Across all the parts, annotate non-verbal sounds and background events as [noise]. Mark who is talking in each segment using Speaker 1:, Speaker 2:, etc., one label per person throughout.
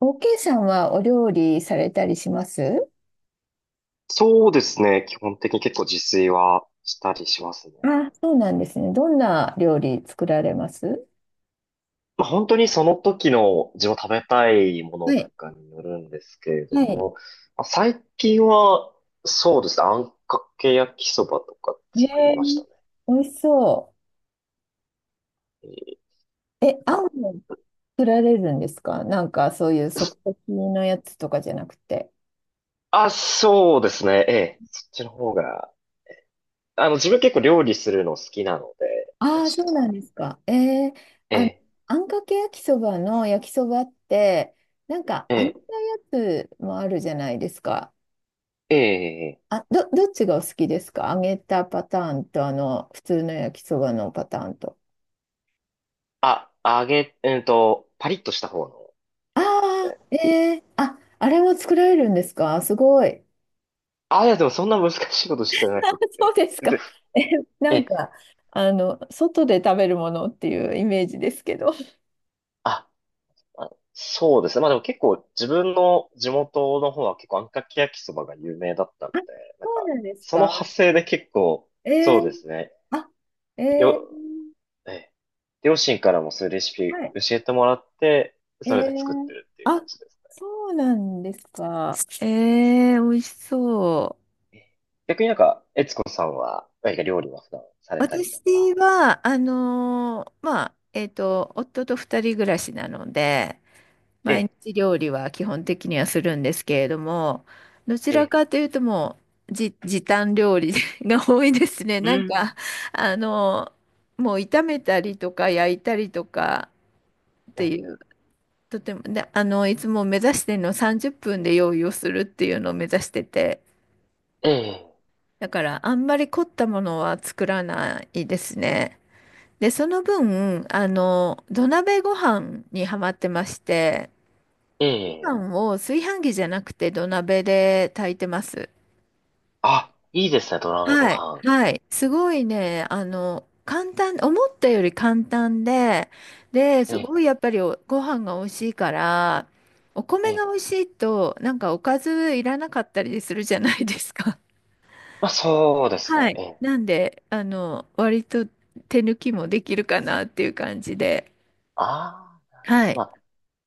Speaker 1: OK さんはお料理されたりします？
Speaker 2: そうですね。基本的に結構自炊はしたりしますね。
Speaker 1: あ、そうなんですね。どんな料理作られます？
Speaker 2: まあ、本当にその時の自分食べたいも
Speaker 1: は
Speaker 2: のと
Speaker 1: い。
Speaker 2: かによるんですけれど
Speaker 1: はい。
Speaker 2: も、まあ、最近はそうですね。あんかけ焼きそばとか作り
Speaker 1: え
Speaker 2: まし
Speaker 1: ー、
Speaker 2: たね。
Speaker 1: 美味しそ
Speaker 2: えー
Speaker 1: う。え、
Speaker 2: なん
Speaker 1: あん
Speaker 2: か、
Speaker 1: を作られるんですか？なんかそういう即席のやつとかじゃなくて。
Speaker 2: あ、そうですね。ええ、そっちの方が、自分結構料理するの好きなので、
Speaker 1: ああ、
Speaker 2: 昔
Speaker 1: そ
Speaker 2: か
Speaker 1: うな
Speaker 2: ら。
Speaker 1: んですか。
Speaker 2: え
Speaker 1: あ、
Speaker 2: え、
Speaker 1: あんかけ焼きそばの焼きそばって、なんか
Speaker 2: え
Speaker 1: 揚げ
Speaker 2: え、
Speaker 1: たやつもあるじゃないですか。
Speaker 2: ええ、ええ、
Speaker 1: あ、どっちがお好きですか？揚げたパターンと、普通の焼きそばのパターンと。
Speaker 2: あ、揚げ、えっと、パリッとした方の
Speaker 1: あ
Speaker 2: やつですね。
Speaker 1: あ、あ、あれも作られるんですか？すごい。
Speaker 2: あ、いや、でもそんな難しいことし
Speaker 1: [laughs] あ、
Speaker 2: てなくっ
Speaker 1: そう
Speaker 2: て。
Speaker 1: です
Speaker 2: で、
Speaker 1: か。[laughs] え、なん
Speaker 2: え、
Speaker 1: か、外で食べるものっていうイメージですけど。あ、
Speaker 2: あ、あ、そうですね。まあでも結構自分の地元の方は結構あんかけ焼きそばが有名だったんで、な
Speaker 1: そ
Speaker 2: ん
Speaker 1: う
Speaker 2: か、
Speaker 1: なんです
Speaker 2: その
Speaker 1: か？
Speaker 2: 派生で結構、
Speaker 1: えー、
Speaker 2: そうですね。
Speaker 1: あ、え
Speaker 2: よ、
Speaker 1: ー、
Speaker 2: え、両親からもそういうレシピ
Speaker 1: はい。
Speaker 2: 教えてもらって、
Speaker 1: え
Speaker 2: それで作って
Speaker 1: ー、
Speaker 2: るっていう
Speaker 1: あ、
Speaker 2: 感じです
Speaker 1: そうなんですか。えー、美味しそう。
Speaker 2: ね。逆になんか、悦子さんは、何か料理は普段されたりとか？
Speaker 1: 私は、まあ、夫と二人暮らしなので、
Speaker 2: え
Speaker 1: 毎
Speaker 2: え、
Speaker 1: 日料理は基本的にはするんですけれども、どち
Speaker 2: え
Speaker 1: ら
Speaker 2: え、
Speaker 1: かというともう、じ、時短料理 [laughs] が多いですね。[laughs]
Speaker 2: う
Speaker 1: なんか、
Speaker 2: ん。
Speaker 1: あの、もう炒めたりとか焼いたりとかって
Speaker 2: え、
Speaker 1: いう、とても、で、いつも目指してるの30分で用意をするっていうのを目指してて、
Speaker 2: え、
Speaker 1: だからあんまり凝ったものは作らないですね。で、その分、土鍋ご飯にハマってまして、
Speaker 2: え
Speaker 1: ご
Speaker 2: え、ええ、
Speaker 1: 飯を炊飯器じゃなくて土鍋で炊いてます。
Speaker 2: あ、いいですね、土鍋ご
Speaker 1: はい。
Speaker 2: 飯。
Speaker 1: はい。すごいね、簡単、思ったより簡単で、で、
Speaker 2: え
Speaker 1: す
Speaker 2: え、
Speaker 1: ごいやっぱりおご飯が美味しいから、お
Speaker 2: え
Speaker 1: 米が
Speaker 2: え。
Speaker 1: 美味しいと、なんかおかずいらなかったりするじゃないですか。
Speaker 2: まあ、そうで
Speaker 1: [laughs]
Speaker 2: す
Speaker 1: は
Speaker 2: ね。
Speaker 1: い。
Speaker 2: ええ。
Speaker 1: なんで、割と手抜きもできるかなっていう感じで。
Speaker 2: ああ、
Speaker 1: は
Speaker 2: ま
Speaker 1: い。
Speaker 2: あ、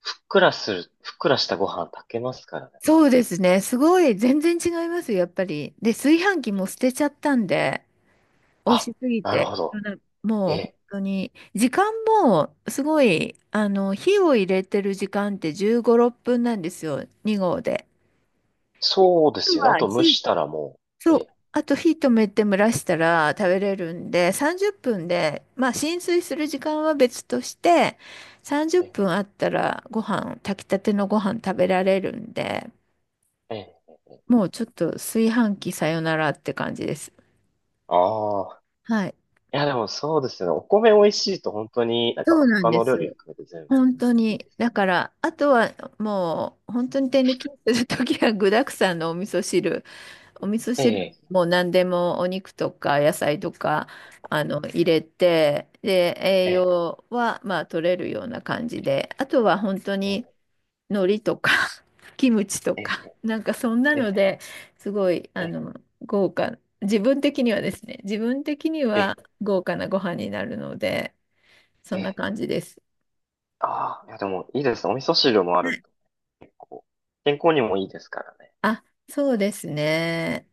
Speaker 2: ふっくらしたご飯炊けますからね。
Speaker 1: そうですね。すごい、全然違いますよ、やっぱり。で、炊飯器も捨てちゃったんで。美味
Speaker 2: あ、
Speaker 1: しすぎ
Speaker 2: なる
Speaker 1: て、
Speaker 2: ほど。え
Speaker 1: もう本
Speaker 2: え。
Speaker 1: 当に、時間もすごい、火を入れてる時間って15、6分なんですよ、2合で。であ
Speaker 2: そうです
Speaker 1: と
Speaker 2: よね。あ
Speaker 1: は
Speaker 2: と蒸
Speaker 1: 火、
Speaker 2: したらもう、
Speaker 1: そう、
Speaker 2: ええ、
Speaker 1: あと火止めて蒸らしたら食べれるんで、30分で、まあ浸水する時間は別として、30
Speaker 2: ええ、
Speaker 1: 分あったら炊きたてのご飯食べられるんで、
Speaker 2: ええ。
Speaker 1: もうちょっと炊飯器さよならって感じです。
Speaker 2: ああ。
Speaker 1: はい。
Speaker 2: いや、でもそうですよね。お米美味しいと本当になんか
Speaker 1: そうなん
Speaker 2: 他
Speaker 1: で
Speaker 2: の
Speaker 1: す
Speaker 2: 料理
Speaker 1: よ。
Speaker 2: 含めて全部
Speaker 1: 本当
Speaker 2: いい
Speaker 1: に。
Speaker 2: です
Speaker 1: だ
Speaker 2: ね。
Speaker 1: から、あとはもう、本当に手抜きするときは具沢山のお味噌汁。[laughs] お味噌
Speaker 2: え
Speaker 1: 汁
Speaker 2: え、
Speaker 1: にもう何でもお肉とか野菜とか、入れて、で、
Speaker 2: え
Speaker 1: 栄
Speaker 2: え、
Speaker 1: 養は、まあ、取れるような感じで。あとは本当に、
Speaker 2: え
Speaker 1: 海苔とか [laughs]、キムチと
Speaker 2: え、え
Speaker 1: か、
Speaker 2: え、
Speaker 1: なんかそんな
Speaker 2: え
Speaker 1: の
Speaker 2: え、
Speaker 1: ですごい、豪華。自分的にはですね、自分的に
Speaker 2: ええ、
Speaker 1: は豪華なご飯になるので、そ
Speaker 2: え
Speaker 1: んな
Speaker 2: え。
Speaker 1: 感じです。
Speaker 2: ああ、いや、でもいいですね。お味噌汁もあると結構、健康にもいいですからね。
Speaker 1: あ、そうですね。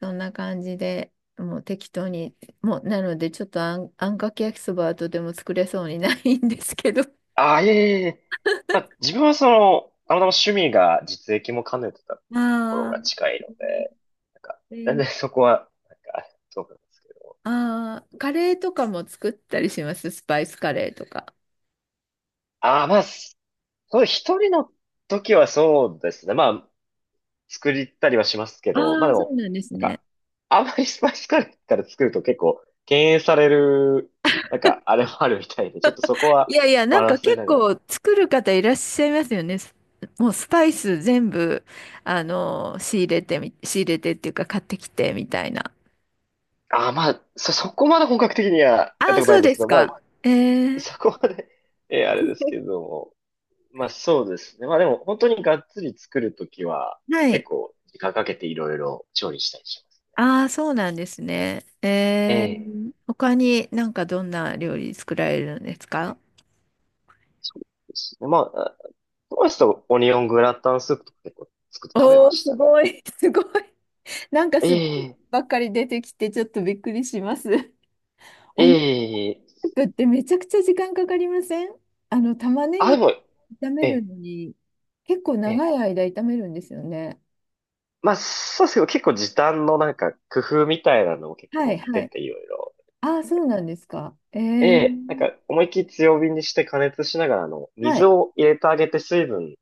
Speaker 1: そんな感じで、もう適当に、もう、なので、ちょっとあんかけ焼きそばはとても作れそうにないんですけど。
Speaker 2: ああ、いえいえいえ。まあ、自分はその、たまたま趣味が実益も兼ねてたっ
Speaker 1: [laughs]
Speaker 2: ていうところ
Speaker 1: あ
Speaker 2: が
Speaker 1: ー、
Speaker 2: 近いので、なんか、全然そこは、なんか、あれそうなんですけど。
Speaker 1: ああ、カレーとかも作ったりします。スパイスカレーとか。
Speaker 2: ああ、まあ、そう、一人の時はそうですね。まあ、作りたりはしますけ
Speaker 1: ああ、
Speaker 2: ど、まあで
Speaker 1: そう
Speaker 2: も、
Speaker 1: なんです
Speaker 2: なん
Speaker 1: ね。
Speaker 2: か、あんまりスパイスカレーから作ると結構、敬遠される、なんか、あれもあるみたいで、ちょっとそこ
Speaker 1: い
Speaker 2: は
Speaker 1: やいや、な
Speaker 2: バ
Speaker 1: ん
Speaker 2: ラン
Speaker 1: か
Speaker 2: ス取
Speaker 1: 結
Speaker 2: りながら。
Speaker 1: 構作る方いらっしゃいますよね。すもうスパイス全部、あの、仕入れてっていうか買ってきてみたいな。
Speaker 2: ああ、まあ、そこまで本格的にはや
Speaker 1: あ
Speaker 2: ったこ
Speaker 1: あ、
Speaker 2: とな
Speaker 1: そ
Speaker 2: い
Speaker 1: う
Speaker 2: んです
Speaker 1: で
Speaker 2: け
Speaker 1: す
Speaker 2: ど、まあ、
Speaker 1: か。え
Speaker 2: [laughs] そ
Speaker 1: え、
Speaker 2: こまであれですけども。まあそうですね。まあでも本当にがっつり作るときは
Speaker 1: は
Speaker 2: 結
Speaker 1: い。
Speaker 2: 構時間かけていろいろ調理したりします。
Speaker 1: ああ、そうなんですね。
Speaker 2: ええ。
Speaker 1: 他になんかどんな料理作られるんですか？
Speaker 2: そうですね。まあ、トマスとオニオングラタンスープとか結構作って食べま
Speaker 1: おお、
Speaker 2: し
Speaker 1: す
Speaker 2: たね。
Speaker 1: ごい、[laughs] すごい。なんか
Speaker 2: え
Speaker 1: すごい
Speaker 2: え、
Speaker 1: ばっかり出てきて、ちょっとびっくりします。[laughs]
Speaker 2: え
Speaker 1: お肉
Speaker 2: え、
Speaker 1: ってめちゃくちゃ時間かかりません？玉ね
Speaker 2: あ、で
Speaker 1: ぎ
Speaker 2: も、
Speaker 1: 炒
Speaker 2: え
Speaker 1: める
Speaker 2: え、
Speaker 1: のに、結構
Speaker 2: え
Speaker 1: 長
Speaker 2: え。
Speaker 1: い間炒めるんですよね。
Speaker 2: まあそうですけど結構時短のなんか工夫みたいなのも結
Speaker 1: はい、
Speaker 2: 構
Speaker 1: は
Speaker 2: 載って
Speaker 1: い。
Speaker 2: ていろいろ。
Speaker 1: ああ、そうなんですか。
Speaker 2: ええ、なんか思いっきり強火にして加熱しながら
Speaker 1: は
Speaker 2: 水
Speaker 1: い、
Speaker 2: を入れてあげて水分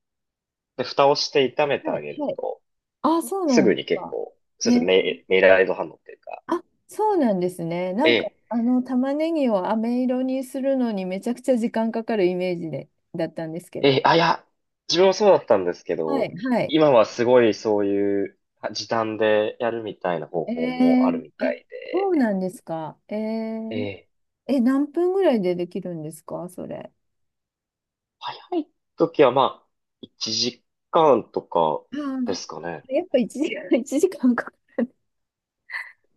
Speaker 2: で、蓋をして炒めて
Speaker 1: は
Speaker 2: あ
Speaker 1: い、
Speaker 2: げる
Speaker 1: はい。
Speaker 2: と、
Speaker 1: ああ、そうな
Speaker 2: す
Speaker 1: ん
Speaker 2: ぐ
Speaker 1: です
Speaker 2: に結
Speaker 1: か。
Speaker 2: 構、
Speaker 1: え
Speaker 2: そうです
Speaker 1: ー
Speaker 2: ね、メイラード反応っていうか、
Speaker 1: あ、そうなんですね。な
Speaker 2: え
Speaker 1: んか、
Speaker 2: え、
Speaker 1: 玉ねぎを飴色にするのにめちゃくちゃ時間かかるイメージで、だったんですけ
Speaker 2: え
Speaker 1: ど。
Speaker 2: え、あ、いや、自分もそうだったんですけ
Speaker 1: は
Speaker 2: ど、
Speaker 1: い、はい。
Speaker 2: 今はすごいそういう時短でやるみたいな方法もあるみた
Speaker 1: あ、
Speaker 2: い
Speaker 1: そ
Speaker 2: で、
Speaker 1: うなんですか。え
Speaker 2: え
Speaker 1: ー、
Speaker 2: え、
Speaker 1: え、何分ぐらいでできるんですか、それ。
Speaker 2: 早い時はまあ、1時間とか
Speaker 1: あ
Speaker 2: で
Speaker 1: ー、
Speaker 2: すかね。
Speaker 1: [laughs] やっぱ1時間、[laughs] 1時間かんかか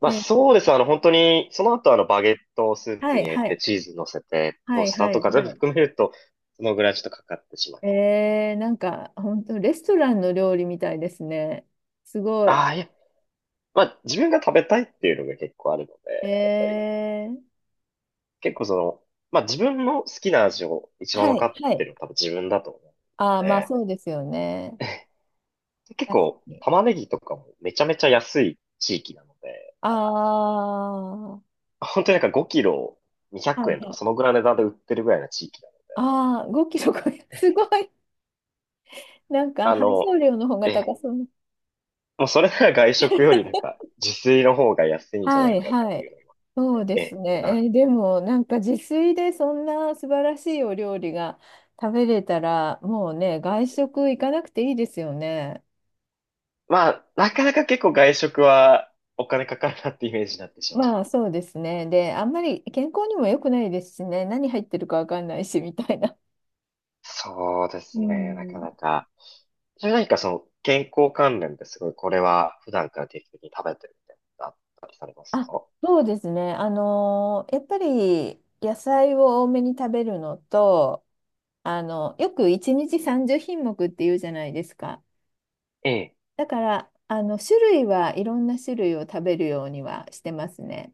Speaker 2: ま
Speaker 1: る。
Speaker 2: あそうです。本当に、その後バゲットをスープ
Speaker 1: は
Speaker 2: に
Speaker 1: い、
Speaker 2: 入れ
Speaker 1: は
Speaker 2: て
Speaker 1: い、
Speaker 2: チーズ乗せて、ト
Speaker 1: は
Speaker 2: ー
Speaker 1: い、
Speaker 2: スター
Speaker 1: は
Speaker 2: と
Speaker 1: い、
Speaker 2: か全
Speaker 1: は
Speaker 2: 部
Speaker 1: い。
Speaker 2: 含めると、そのぐらいちょっとかかってしまいます。
Speaker 1: えー、なんか、本当レストランの料理みたいですね。すごい。
Speaker 2: ああ、いや、まあ、自分が食べたいっていうのが結構あるの
Speaker 1: え
Speaker 2: で、やっぱり、
Speaker 1: ー、
Speaker 2: 結構まあ自分の好きな味を一番
Speaker 1: は
Speaker 2: 分か
Speaker 1: い、
Speaker 2: っ
Speaker 1: は
Speaker 2: て
Speaker 1: い。
Speaker 2: るのは多分自分だと思うの
Speaker 1: ああ、まあ
Speaker 2: で、
Speaker 1: そうですよね。
Speaker 2: [laughs] 結
Speaker 1: 確か
Speaker 2: 構
Speaker 1: に。
Speaker 2: 玉ねぎとかもめちゃめちゃ安い地域なので、
Speaker 1: ああ、は
Speaker 2: 本当になんか5キロ200
Speaker 1: いは
Speaker 2: 円とか
Speaker 1: い。
Speaker 2: そのぐらいの値段で売ってるぐらいな地域なので。
Speaker 1: ああ、5キロ50すごい。[laughs] なんか
Speaker 2: あ
Speaker 1: 配送
Speaker 2: の、
Speaker 1: 料の方が
Speaker 2: え、
Speaker 1: 高そう。
Speaker 2: もうそれなら外食よりなんか
Speaker 1: [laughs]
Speaker 2: 自炊の方が安いんじゃな
Speaker 1: は
Speaker 2: い
Speaker 1: い
Speaker 2: かっ
Speaker 1: は
Speaker 2: ていう
Speaker 1: い。
Speaker 2: のも、
Speaker 1: そうです
Speaker 2: って
Speaker 1: ね。
Speaker 2: な。
Speaker 1: でもなんか自炊でそんな素晴らしいお料理が食べれたらもうね、外食行かなくていいですよね。
Speaker 2: まあ、なかなか結構外食はお金かかるなってイメージになってしまっ
Speaker 1: まあ
Speaker 2: て。
Speaker 1: そうですね。で、あんまり健康にも良くないですしね。何入ってるかわかんないしみたいな。
Speaker 2: そうで
Speaker 1: う
Speaker 2: すね、なか
Speaker 1: ん。
Speaker 2: なか。それ何かその健康関連ですごい、これは普段から定期的に食べてるみたいなのあったりされます
Speaker 1: あ、
Speaker 2: か？
Speaker 1: そうですね。やっぱり野菜を多めに食べるのと、よく1日30品目っていうじゃないですか。
Speaker 2: ええ、
Speaker 1: だから、種類はいろんな種類を食べるようにはしてますね。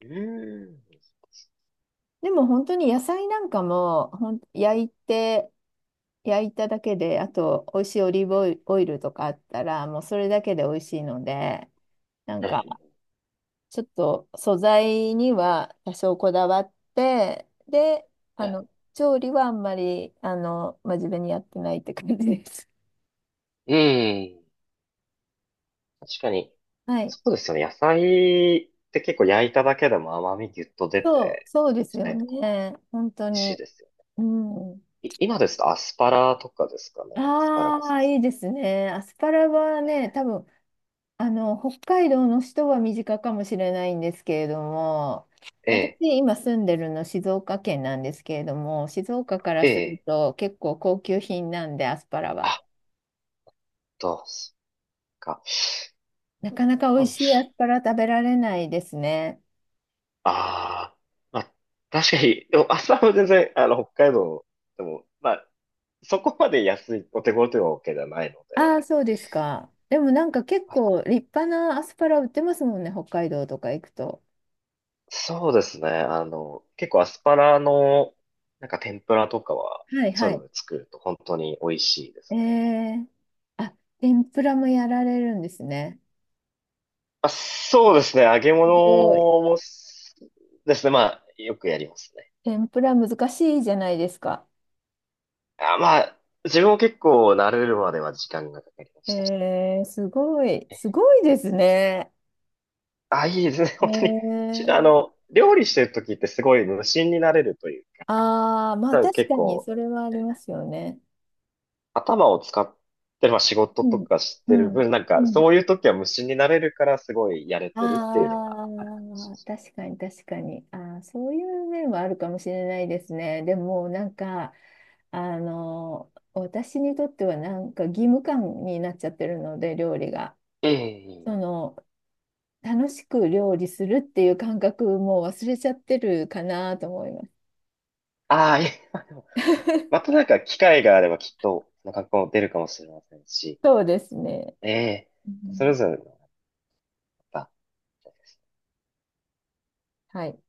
Speaker 2: うーん。
Speaker 1: でも本当に野菜なんかも、焼いただけで、あと、美味しいオリーブオイルとかあったら、もうそれだけで美味しいので、なんか、
Speaker 2: え
Speaker 1: ちょっと素材には多少こだわって、で、あ
Speaker 2: え、
Speaker 1: の、調理はあんまり、真面目にやってないって感じです。
Speaker 2: ええ、確かに、
Speaker 1: [laughs] はい。
Speaker 2: そうですよね。野菜って結構焼いただけでも甘みぎゅっと出
Speaker 1: そう、
Speaker 2: て、
Speaker 1: そうです
Speaker 2: し
Speaker 1: よ
Speaker 2: ないとか、
Speaker 1: ね。本当
Speaker 2: 美味しい
Speaker 1: に。
Speaker 2: ですよ。
Speaker 1: うん。
Speaker 2: 今ですとアスパラとかですかね。アスパラ
Speaker 1: あ
Speaker 2: ガス。
Speaker 1: あ、いいですね。アスパラはね、多分、北海道の人は身近かもしれないんですけれども、
Speaker 2: え
Speaker 1: 私、
Speaker 2: え、
Speaker 1: 今住んでるの静岡県なんですけれども、静岡から
Speaker 2: え
Speaker 1: する
Speaker 2: え、
Speaker 1: と結構高級品なんで、アスパラは。
Speaker 2: あ、どうすか。
Speaker 1: なかなか美味し
Speaker 2: あ
Speaker 1: いアスパラ食べられないですね。
Speaker 2: ああ、まあ、確かに、でも朝は全然、北海道でも、まあ、そこまで安い、お手頃というわけではないの
Speaker 1: あ
Speaker 2: で、
Speaker 1: あ、そうですか。でもなんか結
Speaker 2: あ
Speaker 1: 構立派なアスパラ売ってますもんね、北海道とか行くと。
Speaker 2: そうですね、結構アスパラの、なんか天ぷらとかは、
Speaker 1: はい
Speaker 2: そう
Speaker 1: は
Speaker 2: いうの
Speaker 1: い。
Speaker 2: で作ると本当に美味しいで
Speaker 1: え
Speaker 2: すね。
Speaker 1: ー、あ、天ぷらもやられるんですね。
Speaker 2: まあ、そうですね、揚げ物
Speaker 1: すごい。
Speaker 2: もす、ですね、まあ、よくやりますね。
Speaker 1: 天ぷら難しいじゃないですか。
Speaker 2: あ、まあ、自分も結構慣れるまでは時間がかかりましたね。
Speaker 1: えー、すごい。すごいですね。
Speaker 2: あ、いいですね。[laughs]
Speaker 1: え
Speaker 2: 本当に。し
Speaker 1: ー、
Speaker 2: あの、料理してる時ってすごい無心になれるというか、
Speaker 1: ああ、まあ
Speaker 2: なんか
Speaker 1: 確
Speaker 2: 結
Speaker 1: かに
Speaker 2: 構、
Speaker 1: それはあり
Speaker 2: え
Speaker 1: ますよね。
Speaker 2: 頭を使ってる、まあ仕事
Speaker 1: う
Speaker 2: と
Speaker 1: ん。
Speaker 2: かし
Speaker 1: う
Speaker 2: てる
Speaker 1: ん。
Speaker 2: 分、なん
Speaker 1: う
Speaker 2: か
Speaker 1: ん。
Speaker 2: そういう時は無心になれるからすごいやれてるっていうのが
Speaker 1: ああ、確かに確かに。ああ、そういう面はあるかもしれないですね。でも、なんか、私にとってはなんか義務感になっちゃってるので、料理が。
Speaker 2: え
Speaker 1: そ
Speaker 2: え。
Speaker 1: の、楽しく料理するっていう感覚もう忘れちゃってるかなと思います。
Speaker 2: ああ、いえ、[laughs] まあでもま
Speaker 1: [laughs]
Speaker 2: たなんか機会があればきっと、その格好も出るかもしれませんし、
Speaker 1: そうですね。
Speaker 2: ええ、
Speaker 1: う
Speaker 2: そ
Speaker 1: ん。
Speaker 2: れぞれのまた
Speaker 1: はい。